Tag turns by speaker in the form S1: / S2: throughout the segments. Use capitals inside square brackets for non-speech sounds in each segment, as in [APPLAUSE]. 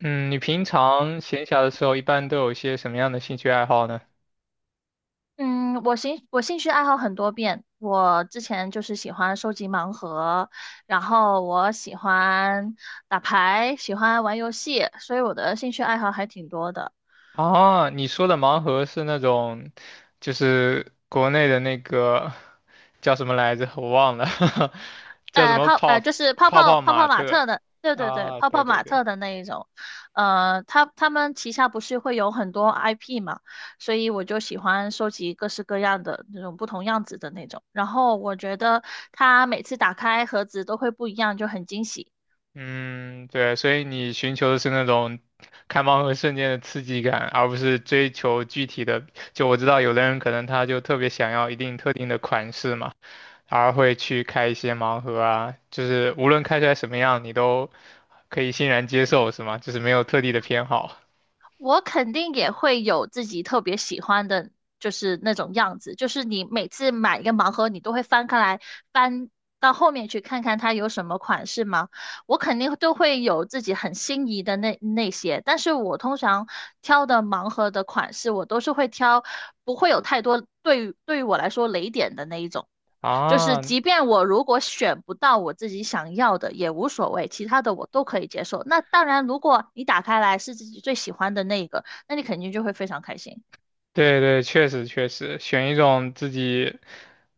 S1: 嗯，你平常闲暇的时候一般都有一些什么样的兴趣爱好呢？
S2: 嗯，我兴趣爱好很多变。我之前就是喜欢收集盲盒，然后我喜欢打牌，喜欢玩游戏，所以我的兴趣爱好还挺多的。
S1: 啊，你说的盲盒是那种，就是国内的那个叫什么来着？我忘了，[LAUGHS] 叫什
S2: 呃，
S1: 么
S2: 泡
S1: 泡
S2: 呃就是泡
S1: 泡
S2: 泡
S1: 泡
S2: 泡
S1: 玛
S2: 泡玛
S1: 特
S2: 特的，对对对，
S1: 啊？
S2: 泡
S1: 对
S2: 泡
S1: 对
S2: 玛
S1: 对，
S2: 特的那一种。他们旗下不是会有很多 IP 嘛，所以我就喜欢收集各式各样的那种不同样子的那种。然后我觉得它每次打开盒子都会不一样，就很惊喜。
S1: 嗯，对，所以你寻求的是那种开盲盒瞬间的刺激感，而不是追求具体的。就我知道有的人可能他就特别想要一定特定的款式嘛。而会去开一些盲盒啊，就是无论开出来什么样，你都可以欣然接受，是吗？就是没有特地的偏好
S2: 我肯定也会有自己特别喜欢的，就是那种样子。就是你每次买一个盲盒，你都会翻开来，翻到后面去看看它有什么款式吗？我肯定都会有自己很心仪的那些。但是我通常挑的盲盒的款式，我都是会挑不会有太多对于我来说雷点的那一种。就是
S1: 啊。
S2: 即便我如果选不到我自己想要的也无所谓，其他的我都可以接受。那当然，如果你打开来是自己最喜欢的那一个，那你肯定就会非常开心。
S1: 对对，确实确实，选一种自己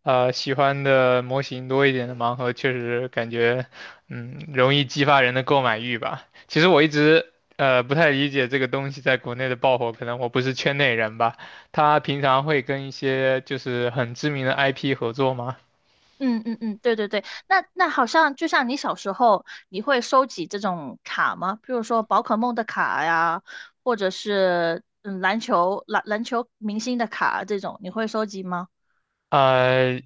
S1: 喜欢的模型多一点的盲盒，确实感觉容易激发人的购买欲吧。其实我一直不太理解这个东西在国内的爆火，可能我不是圈内人吧。他平常会跟一些就是很知名的 IP 合作吗？
S2: 嗯嗯嗯，对对对，那好像就像你小时候，你会收集这种卡吗？比如说宝可梦的卡呀，或者是篮球明星的卡这种，你会收集吗？
S1: 呃，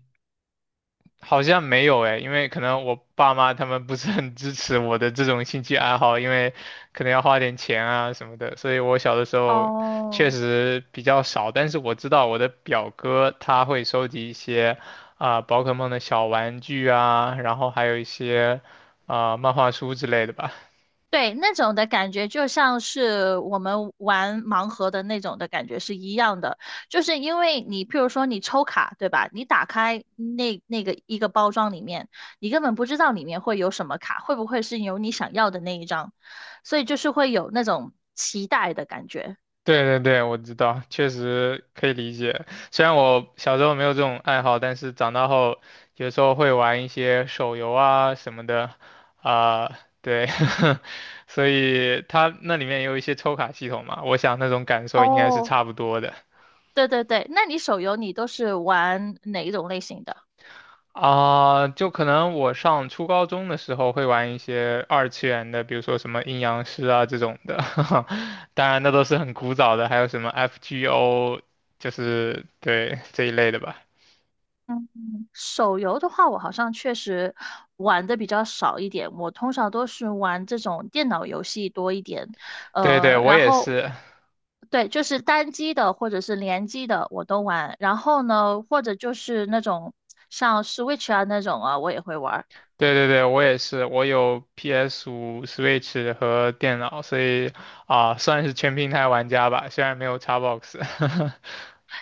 S1: 好像没有诶，因为可能我爸妈他们不是很支持我的这种兴趣爱好，因为可能要花点钱啊什么的，所以我小的时候确
S2: 哦，
S1: 实比较少。但是我知道我的表哥他会收集一些啊、宝可梦的小玩具啊，然后还有一些啊、漫画书之类的吧。
S2: 对，那种的感觉就像是我们玩盲盒的那种的感觉是一样的，就是因为你，譬如说你抽卡，对吧？你打开那个一个包装里面，你根本不知道里面会有什么卡，会不会是有你想要的那一张，所以就是会有那种期待的感觉。
S1: 对对对，我知道，确实可以理解。虽然我小时候没有这种爱好，但是长大后有时候会玩一些手游啊什么的，啊、对，[LAUGHS] 所以它那里面也有一些抽卡系统嘛，我想那种感受应该是
S2: 哦，
S1: 差不多的。
S2: 对对对，那你手游你都是玩哪一种类型的？
S1: 啊、就可能我上初高中的时候会玩一些二次元的，比如说什么阴阳师啊这种的，[LAUGHS] 当然那都是很古早的，还有什么 FGO，就是对这一类的吧。
S2: 嗯，手游的话，我好像确实玩的比较少一点。我通常都是玩这种电脑游戏多一点，
S1: 对对，我
S2: 然
S1: 也
S2: 后
S1: 是，
S2: 对，就是单机的或者是联机的我都玩。然后呢，或者就是那种像 Switch 啊那种啊，我也会玩儿。
S1: 对对对，我也是，我有 PS5、Switch 和电脑，所以啊、算是全平台玩家吧，虽然没有 Xbox。[LAUGHS]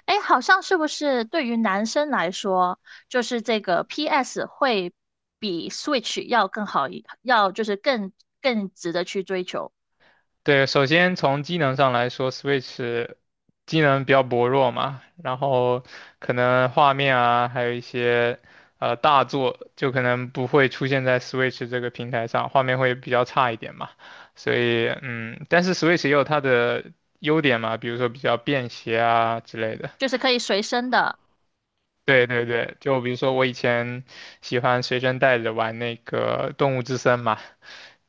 S2: 哎，好像是不是对于男生来说，就是这个 PS 会比 Switch 要就是更值得去追求，
S1: 对，首先从机能上来说，Switch 机能比较薄弱嘛，然后可能画面啊，还有一些大作，就可能不会出现在 Switch 这个平台上，画面会比较差一点嘛。所以但是 Switch 也有它的优点嘛，比如说比较便携啊之类的。
S2: 就是可以随身的。
S1: 对对对，就比如说我以前喜欢随身带着玩那个《动物之森》嘛，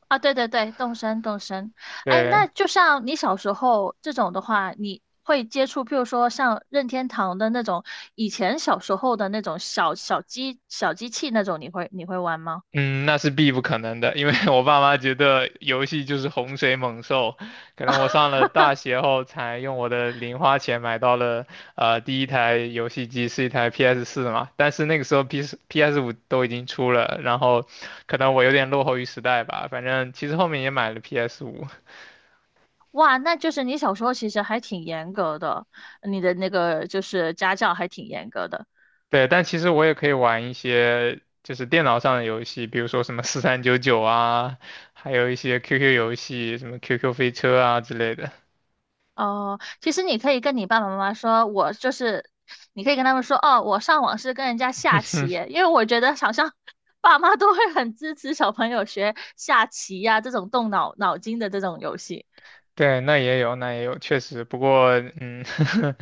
S2: 啊，对对对，动身动身。哎，那
S1: 对，
S2: 就像你小时候这种的话，你会接触，譬如说像任天堂的那种，以前小时候的那种小小机小机器那种，你会玩吗？
S1: 嗯，那是必不可能的，因为 [LAUGHS] 我爸妈觉得游戏就是洪水猛兽，可能我上了大学后才用我的零花钱买到了第一台游戏机是一台 PS4 嘛，但是那个时候 PS5 都已经出了，然后可能我有点落后于时代吧，反正其实后面也买了 PS5，
S2: 哇，那就是你小时候其实还挺严格的，你的那个就是家教还挺严格的。
S1: 对，但其实我也可以玩一些就是电脑上的游戏，比如说什么4399啊，还有一些 QQ 游戏，什么 QQ 飞车啊之类的。
S2: 哦，其实你可以跟你爸爸妈妈说，我就是，你可以跟他们说，哦，我上网是跟人家下棋
S1: [LAUGHS]
S2: 耶，因为我觉得好像 [LAUGHS] 爸妈都会很支持小朋友学下棋呀、这种动脑筋的这种游戏。
S1: 对，那也有，那也有，确实。不过，嗯，[LAUGHS]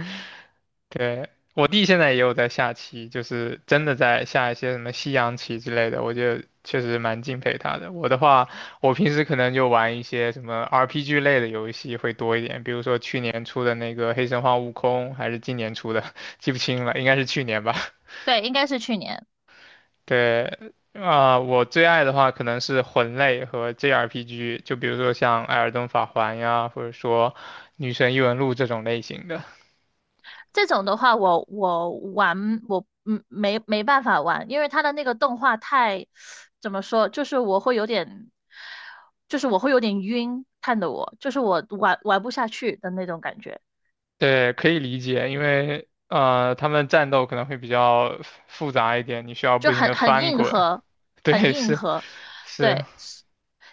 S1: 对，我弟现在也有在下棋，就是真的在下一些什么西洋棋之类的，我觉得确实蛮敬佩他的。我的话，我平时可能就玩一些什么 RPG 类的游戏会多一点，比如说去年出的那个《黑神话：悟空》，还是今年出的，[LAUGHS] 记不清了，应该是去年吧。
S2: 对，应该是去年。
S1: 对，啊、我最爱的话可能是魂类和 JRPG，就比如说像《艾尔登法环》呀，或者说《女神异闻录》这种类型的。
S2: 这种的话我，我玩我嗯没没办法玩，因为他的那个动画太怎么说，就是我会有点，就是我会有点晕，看得我就是我玩不下去的那种感觉。
S1: 对，可以理解，因为他们战斗可能会比较复杂一点，你需要不
S2: 就
S1: 停
S2: 很
S1: 的
S2: 很
S1: 翻
S2: 硬
S1: 滚。
S2: 核，
S1: [LAUGHS]
S2: 很
S1: 对，
S2: 硬
S1: 是
S2: 核。
S1: 是，
S2: 对，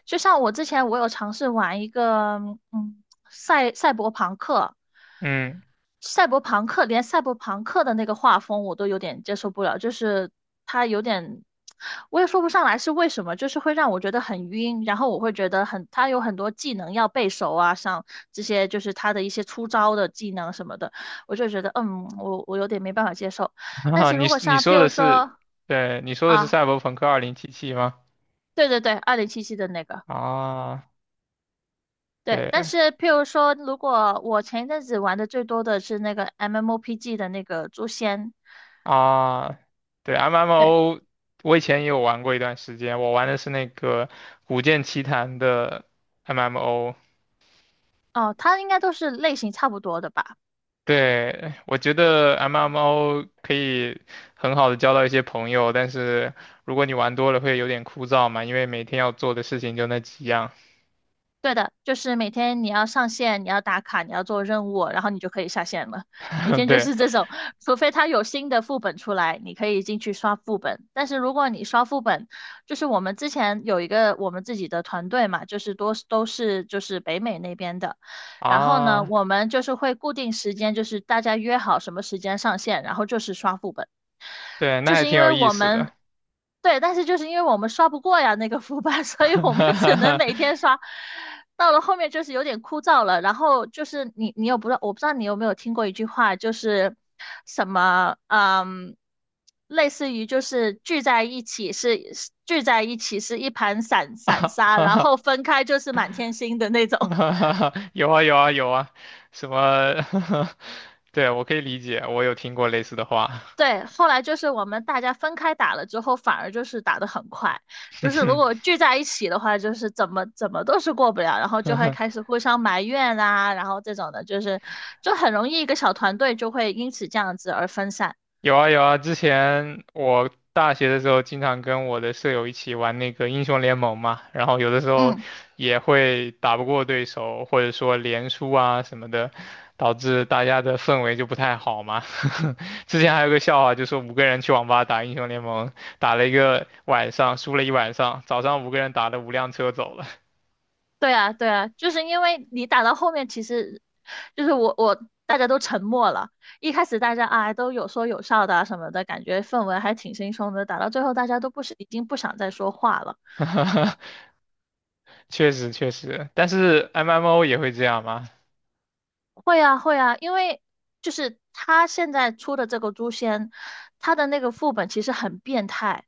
S2: 就像我之前我有尝试玩一个，嗯，赛赛博朋克，
S1: 嗯，
S2: 赛博朋克连赛博朋克的那个画风我都有点接受不了，就是它有点，我也说不上来是为什么，就是会让我觉得很晕，然后我会觉得很，它有很多技能要背熟啊，像这些就是它的一些出招的技能什么的，我就觉得嗯，我有点没办法接受。
S1: [LAUGHS]
S2: 但
S1: 啊，
S2: 是
S1: 你
S2: 如果
S1: 你
S2: 像
S1: 说
S2: 譬
S1: 的
S2: 如说。
S1: 是，对，你说的是
S2: 啊，
S1: 《赛博朋克2077》吗？
S2: 对对对，二零七七的那个，
S1: 啊，
S2: 对。但
S1: 对，
S2: 是譬如说，如果我前一阵子玩的最多的是那个 MMOPG 的那个《诛仙》，
S1: 啊，对
S2: 对，
S1: ，MMO，我以前也有玩过一段时间，我玩的是那个《古剑奇谭》的 MMO。
S2: 哦，它应该都是类型差不多的吧？
S1: 对，我觉得 MMO 可以很好的交到一些朋友，但是如果你玩多了会有点枯燥嘛，因为每天要做的事情就那几样。
S2: 对的，就是每天你要上线，你要打卡，你要做任务，然后你就可以下线了。每
S1: [LAUGHS]
S2: 天就
S1: 对
S2: 是这种，除非它有新的副本出来，你可以进去刷副本。但是如果你刷副本，就是我们之前有一个我们自己的团队嘛，就是多都是就是北美那边的。然后呢，
S1: 啊，
S2: 我们就是会固定时间，就是大家约好什么时间上线，然后就是刷副本。
S1: 对，那
S2: 就
S1: 还
S2: 是
S1: 挺
S2: 因
S1: 有
S2: 为
S1: 意
S2: 我
S1: 思的。
S2: 们对，但是就是因为我们刷不过呀那个副班，[LAUGHS] 所以我们
S1: [LAUGHS] 哈
S2: 只能
S1: 哈
S2: 每天刷。到了后面就是有点枯燥了，然后就是你不知道，我不知道你有没有听过一句话，就是什么嗯，类似于就是聚在一起是一盘散沙，然后
S1: 哈
S2: 分开就是满天星的那
S1: [LAUGHS]
S2: 种。
S1: 哈哈哈 [LAUGHS] 有啊有啊有啊，什么？[LAUGHS] 对，我可以理解，我有听过类似的话。
S2: 对，后来就是我们大家分开打了之后，反而就是打得很快。就是如
S1: [LAUGHS]
S2: 果聚在一起的话，就是怎么都是过不了，然后就会开始互相埋怨啊，然后这种的，就是就很容易一个小团队就会因此这样子而分散。
S1: 有啊有啊，之前我大学的时候经常跟我的舍友一起玩那个英雄联盟嘛，然后有的时候
S2: 嗯，
S1: 也会打不过对手，或者说连输啊什么的，导致大家的氛围就不太好嘛。[LAUGHS] 之前还有个笑话，就说五个人去网吧打英雄联盟，打了一个晚上，输了一晚上，早上五个人打了五辆车走了。
S2: 对啊，对啊，就是因为你打到后面，其实就是大家都沉默了，一开始大家啊都有说有笑的啊什么的，感觉氛围还挺轻松的，打到最后大家都不是已经不想再说话了。
S1: [LAUGHS] 确实确实，但是 MMO 也会这样吗？
S2: 会啊，会啊，因为就是他现在出的这个诛仙，他的那个副本其实很变态，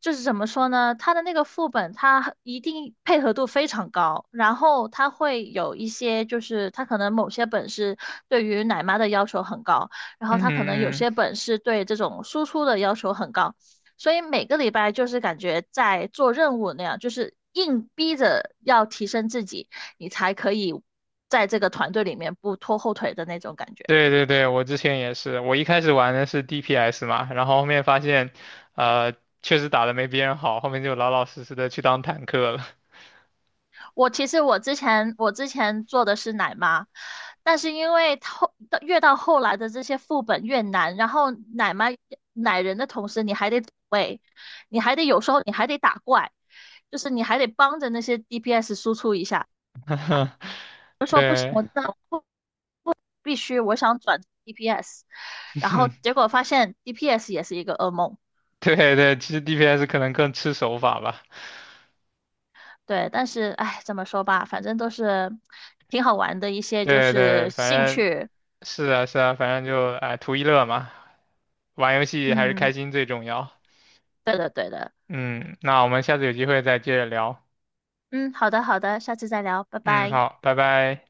S2: 就是怎么说呢？他的那个副本，他一定配合度非常高，然后他会有一些，就是他可能某些本是对于奶妈的要求很高，然后
S1: 嗯嗯
S2: 他可能有
S1: 嗯，
S2: 些本是对这种输出的要求很高，所以每个礼拜就是感觉在做任务那样，就是硬逼着要提升自己。你才可以在这个团队里面不拖后腿的那种感觉。
S1: 对对对，我之前也是，我一开始玩的是 DPS 嘛，然后后面发现，呃，确实打的没别人好，后面就老老实实的去当坦克了。
S2: 我其实我之前做的是奶妈，但是因为越到后来的这些副本越难，然后奶妈奶人的同时，你还得走位，你还得有时候你还得打怪，就是你还得帮着那些 DPS 输出一下。
S1: [LAUGHS] 对，
S2: 我那必须我想转 DPS，然后结
S1: [LAUGHS]
S2: 果发现 DPS 也是一个噩梦。
S1: 对对，其实 DPS 可能更吃手法吧。
S2: 对，但是哎，怎么说吧，反正都是挺好玩的一些就
S1: 对对，
S2: 是兴
S1: 反正
S2: 趣。
S1: 是啊是啊，反正就哎图一乐嘛，玩游戏还是开
S2: 嗯，
S1: 心最重要。
S2: 对的对的。
S1: 嗯，那我们下次有机会再接着聊。
S2: 嗯，好的好的，下次再聊，拜
S1: 嗯，
S2: 拜。
S1: 好，拜拜。